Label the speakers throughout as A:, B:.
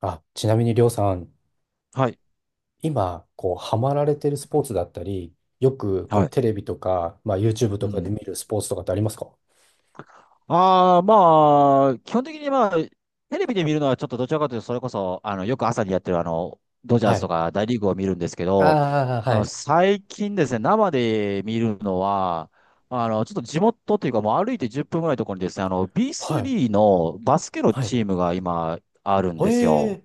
A: あ、ちなみにりょうさん、
B: はい。
A: 今、ハマられてるスポーツだったり、よく、
B: はい。
A: テレビとか、まあ、YouTube と
B: う
A: かで
B: ん。
A: 見るスポーツとかってありますか？
B: ああ、まあ、基本的にまあ、テレビで見るのはちょっとどちらかというと、それこそ、よく朝にやってるドジャー
A: は
B: スと
A: い。
B: か大リーグを見るんですけど、
A: ああ、はい。
B: 最近ですね、生で見るのは、ちょっと地元というか、もう歩いて10分ぐらいのところにですね、
A: はい。
B: B3 のバスケの
A: はい。
B: チームが今あるん
A: は
B: ですよ。
A: え。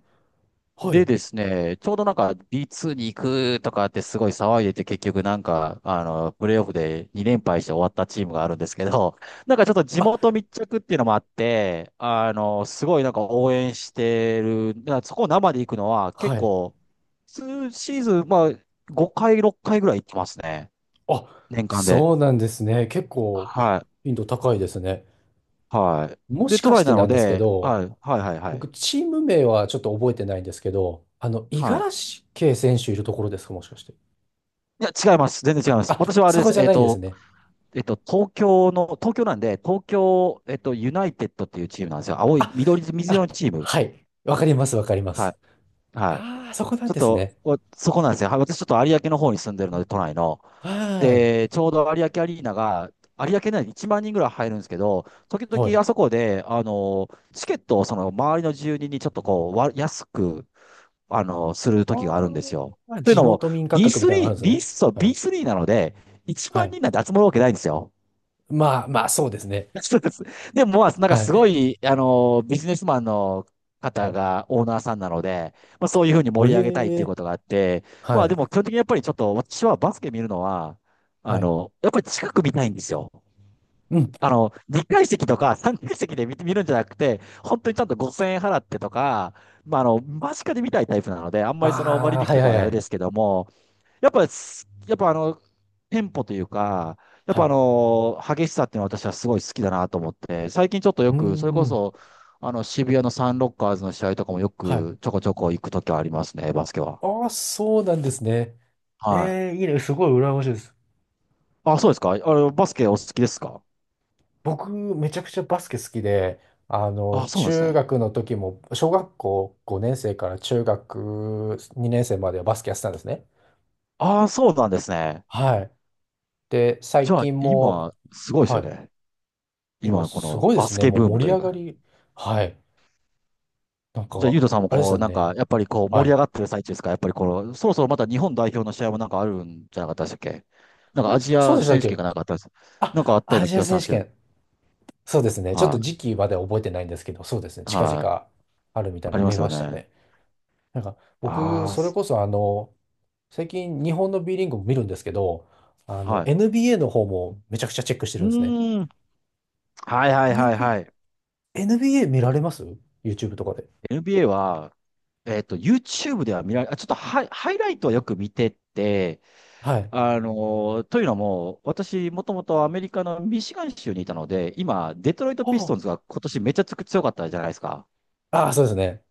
A: は
B: で
A: い。
B: ですね、ちょうどなんか B2 に行くとかってすごい騒いでて結局なんか、プレイオフで2連敗して終わったチームがあるんですけど、なんかちょっと地
A: あ、
B: 元密着っていうのもあって、すごいなんか応援してる、だからそこを生で行くのは
A: は
B: 結
A: い。
B: 構、数シーズン、まあ、5回、6回ぐらい行ってますね。
A: あ、
B: 年間で。
A: そうなんですね。結構、
B: はい。
A: 頻度高いですね。
B: はい。
A: も
B: で、
A: し
B: 都
A: かし
B: 内
A: て
B: な
A: な
B: の
A: んですけ
B: で、
A: ど、
B: はい、はい、はい、は
A: 僕、
B: い。
A: チーム名はちょっと覚えてないんですけど、五十
B: はい。
A: 嵐圭選手いるところですか、もしかして。
B: いや、違います。全然違います。
A: あ、
B: 私はあれ
A: そ
B: で
A: こ
B: す。
A: じゃないんですね。
B: 東京の、東京なんで、東京、ユナイテッドっていうチームなんですよ。青い、緑、水色
A: あ、
B: のチーム。
A: はい。わかります、わかりま
B: は
A: す。
B: い。はい。
A: ああ、そこな
B: ち
A: ん
B: ょっ
A: です
B: と、
A: ね。
B: おそこなんですよ。はい、私ちょっと有明の方に住んでるので、都内の。
A: はーい。
B: で、ちょうど有明アリーナが、有明内に1万人ぐらい入るんですけど、時
A: はい。
B: 々あそこで、チケットをその周りの住人にちょっとこう、わ安く、する時があるんですよ。
A: ああ、
B: という
A: 地
B: のも、
A: 元民価格み
B: B3、
A: たいなのがあるんです
B: B、
A: ね。
B: そう、
A: はい。
B: B3 なので、1
A: は
B: 万
A: い。
B: 人なんて集まるわけないんですよ。
A: まあ、まあ、そうですね。
B: そうです。でも、まあ、なんか
A: はい。
B: すごい、ビジネスマンの
A: は
B: 方
A: い。
B: がオーナーさんなので、まあ、そういうふうに
A: お
B: 盛
A: え
B: り上げたいっていう
A: え。
B: ことがあって、
A: は
B: まあ、で
A: い。
B: も基本的にやっぱりちょっと、私はバスケ見るのは、
A: はい。
B: やっぱり近く見たいんですよ。
A: うん。
B: 2階席とか3階席で見るんじゃなくて、本当にちゃんと5000円払ってとか、まあ、間近で見たいタイプなので、あんまりその割
A: ああ、
B: 引
A: はい
B: と
A: は
B: か
A: い
B: は
A: は
B: あれ
A: い。
B: ですけども、やっぱ、テンポというか、やっ
A: は
B: ぱあ
A: い。
B: の、激しさっていうのは私はすごい好きだなと思って、最近ちょっと
A: う
B: よ
A: ー
B: く、それこ
A: ん。
B: そ、渋谷のサンロッカーズの試合とかもよ
A: はい。
B: くちょこちょこ行くときはありますね、バスケは。
A: ああ、そうなんですね。
B: はい。
A: ええ、いいね。すごい羨ましいです。
B: あ、そうですか？あれ、バスケお好きですか？
A: 僕、めちゃくちゃバスケ好きで、
B: あ、そうなんです
A: 中
B: ね。
A: 学の時も、小学校5年生から中学2年生まではバスケやってたんですね。
B: あ、そうなんですね。
A: はい。で、
B: じ
A: 最
B: ゃあ、
A: 近も、
B: 今、すごいです
A: は
B: よ
A: い。
B: ね。
A: 今、
B: 今、こ
A: す
B: の
A: ごいで
B: バ
A: す
B: ス
A: ね。
B: ケ
A: もう
B: ブーム
A: 盛
B: と
A: り
B: いう
A: 上が
B: か。
A: り。はい。なん
B: じゃあ、
A: か、
B: ゆうとさんも
A: あれです
B: こう、
A: よ
B: なんか、
A: ね。
B: やっぱりこう、盛
A: は
B: り
A: い。
B: 上がってる最中ですか？やっぱりこの、そろそろまた日本代表の試合もなんかあるんじゃなかったでしたっけ？
A: あ
B: なんか
A: れ
B: アジ
A: そうで
B: ア
A: したっ
B: 選手権
A: け？
B: がなんかあったんです。なんかあ
A: あ、
B: ったよう
A: ア
B: な
A: ジ
B: 気
A: ア
B: がしたん
A: 選
B: です
A: 手
B: けど。
A: 権。そうですね。ちょっと
B: は
A: 時期までは覚えてないんですけど、そうですね。
B: い。
A: 近
B: はい。
A: 々あるみたいな
B: あ
A: の
B: りま
A: 見
B: す
A: ま
B: よ
A: した
B: ね。
A: ね。なんか、僕、
B: ああ、
A: それこそ最近日本の B リーグも見るんですけど、
B: はい。
A: NBA の方もめちゃくちゃチェックして
B: う
A: るんですね。
B: ーん。はいはいはい
A: NB、
B: はい。
A: NBA 見られます？ YouTube とかで。
B: NBA は、YouTube では見られ、あ、ちょっとハイライトはよく見てて、
A: はい。
B: あのというのも、私、もともとアメリカのミシガン州にいたので、今、デトロイト・ピストン
A: は
B: ズが今年めちゃつく強かったじゃないですか。
A: あ、ああ、そうですね。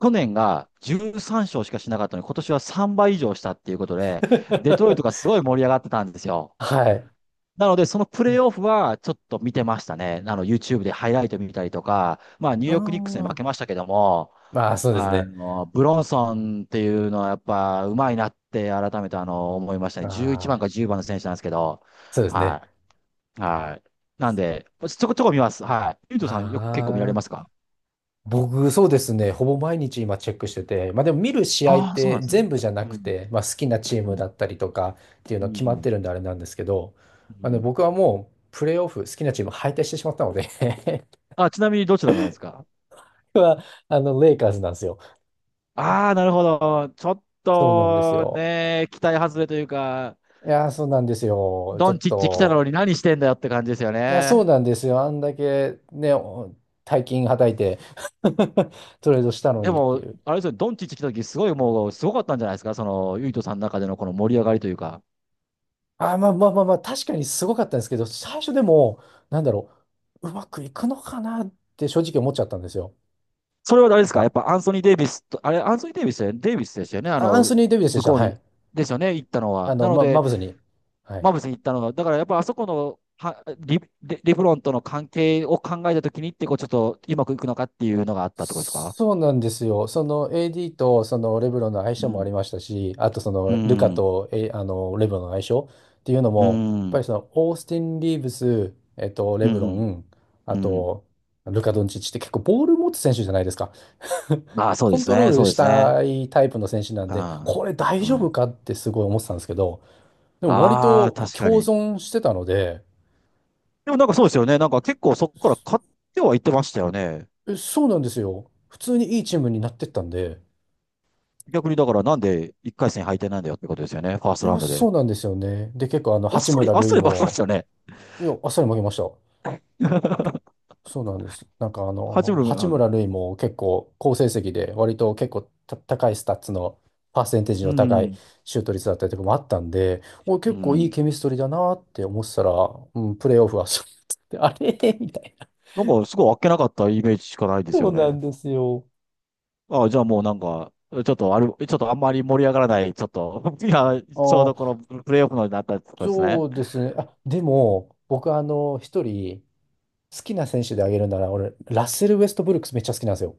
B: 去年が13勝しかしなかったのに、今年は3倍以上したっていうことで、デトロイトがす ごい盛り上がってたんですよ。
A: はい。
B: なので、そのプ
A: う
B: レーオフはちょっと見てましたね。YouTube でハイライト見たりとか、まあ、ニューヨークニックスに負
A: ん。
B: けましたけども、
A: ああ、そうですね。
B: ブロンソンっていうのはやっぱ上手いなって改めて思いましたね。11
A: あ
B: 番か
A: あ、
B: 10番の選手なんですけど、
A: そうですね。
B: はい、はい。なんで、ちょこちょこ見ます。はい。ゆう
A: あ、
B: とさんよく結構見られますか？
A: 僕、そうですね。ほぼ毎日今チェックしてて、まあでも見る試合っ
B: ああー、そうな
A: て
B: んです
A: 全
B: ね。
A: 部じゃな
B: う
A: く
B: ん。
A: て、まあ好きな
B: う
A: チーム
B: ん。
A: だったりとかっていう
B: う
A: の
B: ん。
A: は決
B: う
A: まっ
B: ん。
A: てるんであれなんですけど、
B: う
A: まあの
B: ん。
A: 僕はもうプレーオフ、好きなチーム敗退してしまったので
B: あ、ちなみにどちらなんですか？
A: 僕はあのレイカーズなんですよ。
B: ああー、なるほど。ちょっ
A: そうなんです
B: と
A: よ。
B: ね、期待外れというか、
A: いやー、そうなんですよ。ちょ
B: ドン
A: っ
B: チッチ来たの
A: と、
B: に何してんだよって感じですよ
A: いや、そう
B: ね。
A: なんですよ。あんだけね、大金はたいて トレードしたの
B: で
A: にって
B: も、
A: いう。
B: あれですよね、ドンチッチ来た時すごいもう、すごかったんじゃないですか？その、ユイトさんの中でのこの盛り上がりというか。
A: あ、まあまあまあまあ、確かにすごかったんですけど、最初でも、なんだろう、うまくいくのかなって正直思っちゃったんですよ。
B: それは誰ですか？やっ
A: あ、
B: ぱアンソニー・デイビスと、あれ、アンソニー・デイビスだよね、デイビスでしたよね。
A: アンソニー・デイビスで
B: 向
A: した。
B: こう
A: は
B: に、
A: い。
B: ですよね、行ったの
A: あ
B: は。
A: の、
B: なの
A: ま、マ
B: で、
A: ブズに。は
B: マ
A: い。
B: ーブスに行ったのは、だからやっぱあそこの、はリ、レレブロンとの関係を考えたときにって、こうちょっとうまくいくのかっていうのがあったってことですか？
A: そうなんですよ。その AD とそのレブロンの相
B: う
A: 性もあ
B: ん。
A: りましたし、あとそ
B: う
A: のルカ
B: ん。
A: と、レブロンの相性っていうの
B: う
A: も、やっぱ
B: ん。
A: りそのオースティン・リーブス、レ
B: う
A: ブロ
B: ん。
A: ン、あ
B: うん。
A: とルカ・ドンチッチって結構ボール持つ選手じゃないですか。
B: ああ、そうで
A: コン
B: す
A: トロー
B: ね。
A: ル
B: そうで
A: し
B: すね。
A: たいタイプの選手なん
B: う
A: で、
B: ん。
A: これ大
B: う
A: 丈
B: ん。
A: 夫かってすごい思ってたんですけど、でも割
B: ああ、
A: と
B: 確か
A: 共
B: に。
A: 存してたので、
B: でもなんかそうですよね。なんか結構そこから買ってはいってましたよね。
A: そうなんですよ。普通にいいチームになってったんで、
B: 逆にだからなんで1回戦敗退なんだよってことですよね。ファース
A: い
B: トラウン
A: や、
B: ド
A: そ
B: で。
A: うなんですよね。で、結構
B: あっ
A: 八
B: さり、
A: 村
B: あっさ
A: 塁
B: り負けまし
A: も、
B: たよね。
A: いや、あっさり負けました。そうなんです。なんか
B: 八分、
A: 八
B: うん。
A: 村塁も結構好成績で、割と結構高いスタッツの、パーセンテージ
B: う
A: の高い
B: ん。
A: シュート率だったりとかもあったんで、お、
B: う
A: 結構いい
B: ん。
A: ケミストリーだなって思ってたら、うん、プレーオフはそうやってあれ みたいな。
B: なんかすごいあっけなかったイメージしかないです
A: そ
B: よ
A: うなん
B: ね。
A: ですよ。
B: ああ、じゃあもうなんか、ちょっとある、ちょっとあんまり盛り上がらない、ちょっと、いや、
A: あ
B: ちょうどこ
A: ー、
B: のプレイオフのになったところです
A: そ
B: ね。
A: うですね。あ、でも、僕一人好きな選手であげるなら、俺、ラッセル・ウェストブルックスめっちゃ好きなんですよ。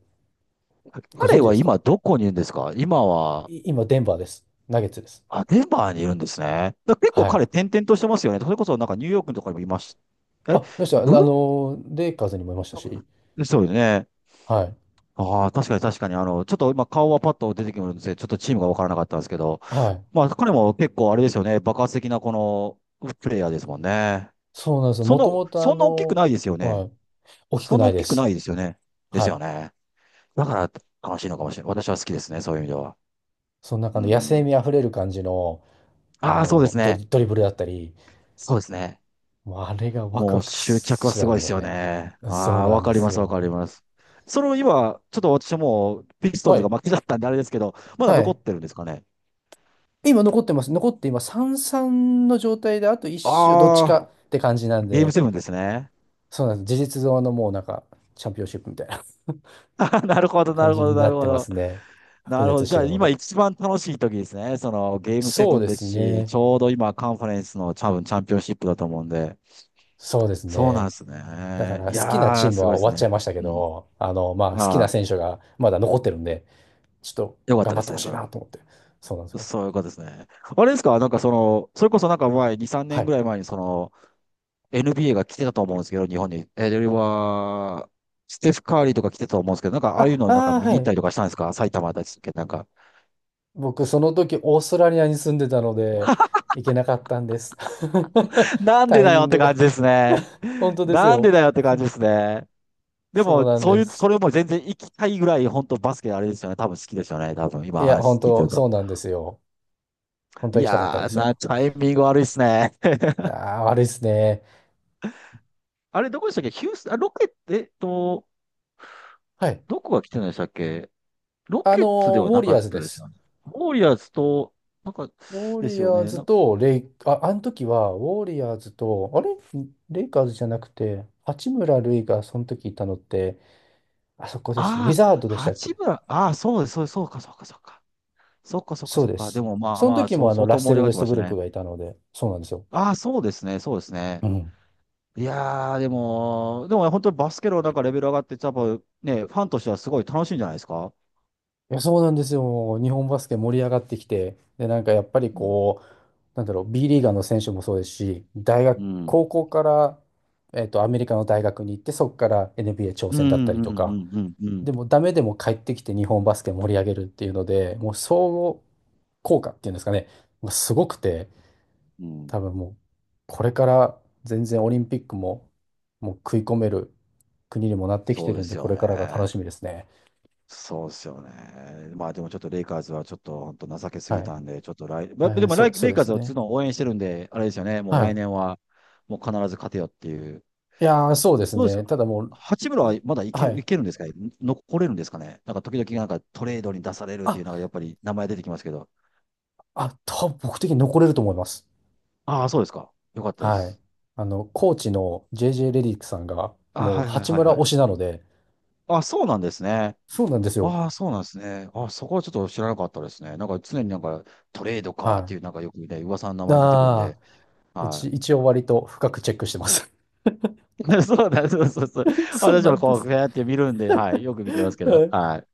A: ご存
B: 彼
A: 知で
B: は
A: すか？
B: 今どこにいるんですか？今は、
A: 今、デンバーです。ナゲッツです。
B: あ、デンバーにいるんですね。だ結構
A: はい。
B: 彼転々としてますよね。それこそなんかニューヨークとかにもいました。え、
A: あ、いました。
B: ブル
A: レイカーズにもいましたし。
B: ッそうよね。
A: はい。
B: ああ、確かに確かに、ちょっと今顔はパッと出てきてるんですけど、ちょっとチームがわからなかったんですけど、
A: はい。
B: まあ彼も結構あれですよね、爆発的なこのプレイヤーですもんね。
A: そうなんですよ。
B: そ
A: もと
B: の、
A: もと、
B: そんな大きくないですよ
A: は
B: ね。
A: い。大きく
B: そんな
A: ない
B: 大
A: で
B: きく
A: す。
B: ないですよね。で
A: は
B: すよ
A: い。
B: ね。だから悲しいのかもしれない。私は好きですね、そういう意味では。
A: その中
B: う
A: の野生
B: ん。
A: 味あふれる感じの、あ
B: ああ、そうで
A: の、
B: す
A: ド
B: ね。
A: リ、ドリブルだったり、
B: そうですね。
A: もうあれがワク
B: もう
A: ワク
B: 執着
A: し
B: は
A: て
B: す
A: たん
B: ごい
A: で
B: で
A: すよ
B: すよ
A: ね。
B: ね。
A: そう
B: ああ、
A: な
B: わ
A: ん
B: か
A: で
B: り
A: す
B: ます、わかり
A: よ。
B: ます。その今、ちょっと私はもうピストン
A: は
B: ズが
A: い。
B: 負けだったんであれですけど、まだ
A: は
B: 残っ
A: い。
B: てるんですかね。
A: 今残ってます。残って今3-3の状態で、あと一周、どっち
B: あ
A: か
B: あ、
A: って感じなん
B: ゲーム
A: で、
B: セブンですね。
A: そうなんです。事実上のもうなんか、チャンピオンシップみたいな、
B: あー、なるほど、な
A: 感
B: る
A: じ
B: ほど、
A: にな
B: なる
A: っ
B: ほ
A: てま
B: ど。
A: すね。
B: な
A: 白
B: るほ
A: 熱
B: ど。
A: し
B: じ
A: て
B: ゃあ
A: るの
B: 今
A: で。
B: 一番楽しい時ですね。そのゲームセ
A: そ
B: ブ
A: う
B: ン
A: で
B: で
A: す
B: すし、ち
A: ね。
B: ょうど今カンファレンスの多分チャンピオンシップだと思うんで。
A: そうです
B: そうなん
A: ね。
B: です
A: だか
B: ね。
A: ら
B: い
A: 好きな
B: や
A: チー
B: ー、
A: ム
B: す
A: は
B: ごいで
A: 終
B: す
A: わっちゃ
B: ね。
A: いましたけ
B: うん。
A: ど、まあ好き
B: あ
A: な
B: あ、
A: 選手がまだ残ってるんで、ちょっと
B: よかっ
A: 頑
B: た
A: 張
B: で
A: って
B: す
A: ほ
B: ね、
A: し
B: そ
A: い
B: れ
A: な
B: は。
A: と思って。そうなんですよ。
B: そういうことですね。あれですか？なんかその、それこそなんか前、2、3
A: は
B: 年ぐ
A: い。
B: らい前にその、NBA が来てたと思うんですけど、日本に。では、ステフ・カーリーとか来てたと思うんですけど、なんかああいう
A: あ、
B: のなんか
A: あー、
B: 見
A: は
B: に行った
A: い。
B: りとかしたんですか？埼玉だったっけ、なんか。
A: 僕、その時オーストラリアに住んでたので、行けなかったんです。
B: なんで
A: タイ
B: だ
A: ミ
B: よ
A: ン
B: って
A: グ
B: 感
A: が
B: じですね。
A: 本当です
B: なん
A: よ。
B: でだよって感じですね。で
A: そう
B: も、
A: なん
B: そう
A: で
B: いう、そ
A: す。
B: れも全然行きたいぐらい、本当バスケあれですよね。多分好きですよね。多分
A: い
B: 今
A: や、本
B: 話聞いて
A: 当、
B: ると。
A: そうなんですよ。本当
B: い
A: は行きたかったんで
B: やー、
A: すよ。
B: タイミング悪いっすね。
A: いやー、悪いですね。
B: あれ、どこでしたっけ？ヒュース、あ、ロケット、
A: はい。
B: どこが来てないでしたっけ？ロケッツでは
A: ウォ
B: な
A: リ
B: か
A: ア
B: っ
A: ーズ
B: た
A: で
B: です
A: す。
B: よね。ウォリアーズと、なんか、
A: ウォ
B: です
A: リ
B: よ
A: アー
B: ね。
A: ズ
B: な、
A: とレイ、あ、あの時は、ウォリアーズと、あれレイカーズじゃなくて、八村塁がその時いたのって、あそこですね。ウィ
B: ああ、
A: ザードでしたっ
B: 八
A: け？
B: 村、ああ、そうです、そうです、そうか、そうか、そうか。そうか、そうか、
A: そう
B: そう
A: で
B: か。で
A: す。
B: も、まあ
A: その
B: まあ、
A: 時
B: そ
A: も
B: う、相
A: ラ
B: 当
A: ッ
B: 盛
A: セ
B: り上
A: ル・ウ
B: がっ
A: ェ
B: て
A: スト
B: まし
A: ブ
B: た
A: ルッ
B: ね。
A: クがいたので、そうなんですよ。
B: ああ、そうですね、そうですね。
A: うん。
B: いやー、でも、本当にバスケのなんかレベル上がって、多分ね、ファンとしてはすごい楽しいんじゃないですか？
A: いや、そうなんですよ。日本バスケ盛り上がってきて、で、なんかやっぱり
B: うん。
A: なんだろう、B リーガーの選手もそうですし、大学、
B: うん。
A: 高校から、アメリカの大学に行って、そこから NBA 挑
B: うん、
A: 戦だったり
B: うん、
A: と
B: う
A: か、
B: ん、うん、う
A: で
B: ん。
A: もダメでも帰ってきて日本バスケ盛り上げるっていうので、もう相互効果っていうんですかね、まあすごくて、
B: うん、
A: 多分もうこれから全然オリンピックももう食い込める国にもなってき
B: そ
A: て
B: うで
A: るん
B: す
A: で、こ
B: よ
A: れ
B: ね。
A: からが楽しみですね。
B: そうですよね。まあでもちょっとレイカーズはちょっと本当情けす
A: は
B: ぎ
A: い。
B: たんで、ちょっと来、までも来
A: そう
B: レイ
A: で
B: カー
A: す
B: ズは
A: ね。
B: の応援してるんで、あれですよね。もう
A: は
B: 来
A: い。
B: 年はもう必ず勝てよっていう。
A: いやー、そうです
B: どうです
A: ね。
B: か？
A: ただもう、
B: 八村はまだいけ
A: は
B: る、い
A: い。
B: けるんですかね？残れるんですかね？なんか時々なんかトレードに出されるってい
A: あ、
B: うのがやっぱり名前出てきますけど。
A: あ、多分僕的に残れると思います。
B: ああ、そうですか。よかったで
A: はい。
B: す。
A: コーチの JJ レディックさんが、
B: あ、
A: もう
B: はいはい
A: 八
B: はい
A: 村
B: は
A: 推し
B: い。
A: なので、
B: あ、そうなんですね。
A: そうなんですよ。
B: ああ、そうなんですね。あ、そこはちょっと知らなかったですね。なんか常になんかトレード
A: は
B: かってい
A: い。
B: うなんかよくね、噂の名前出てくるん
A: ああ、
B: で、は
A: 一応割と深くチェックしてます。
B: い。そうだ、そうそうそう。
A: そう
B: 私
A: な
B: も
A: んで
B: こう、
A: す。
B: ふやって見るんで、はい。よく見てま
A: は
B: すけど、
A: い
B: はい。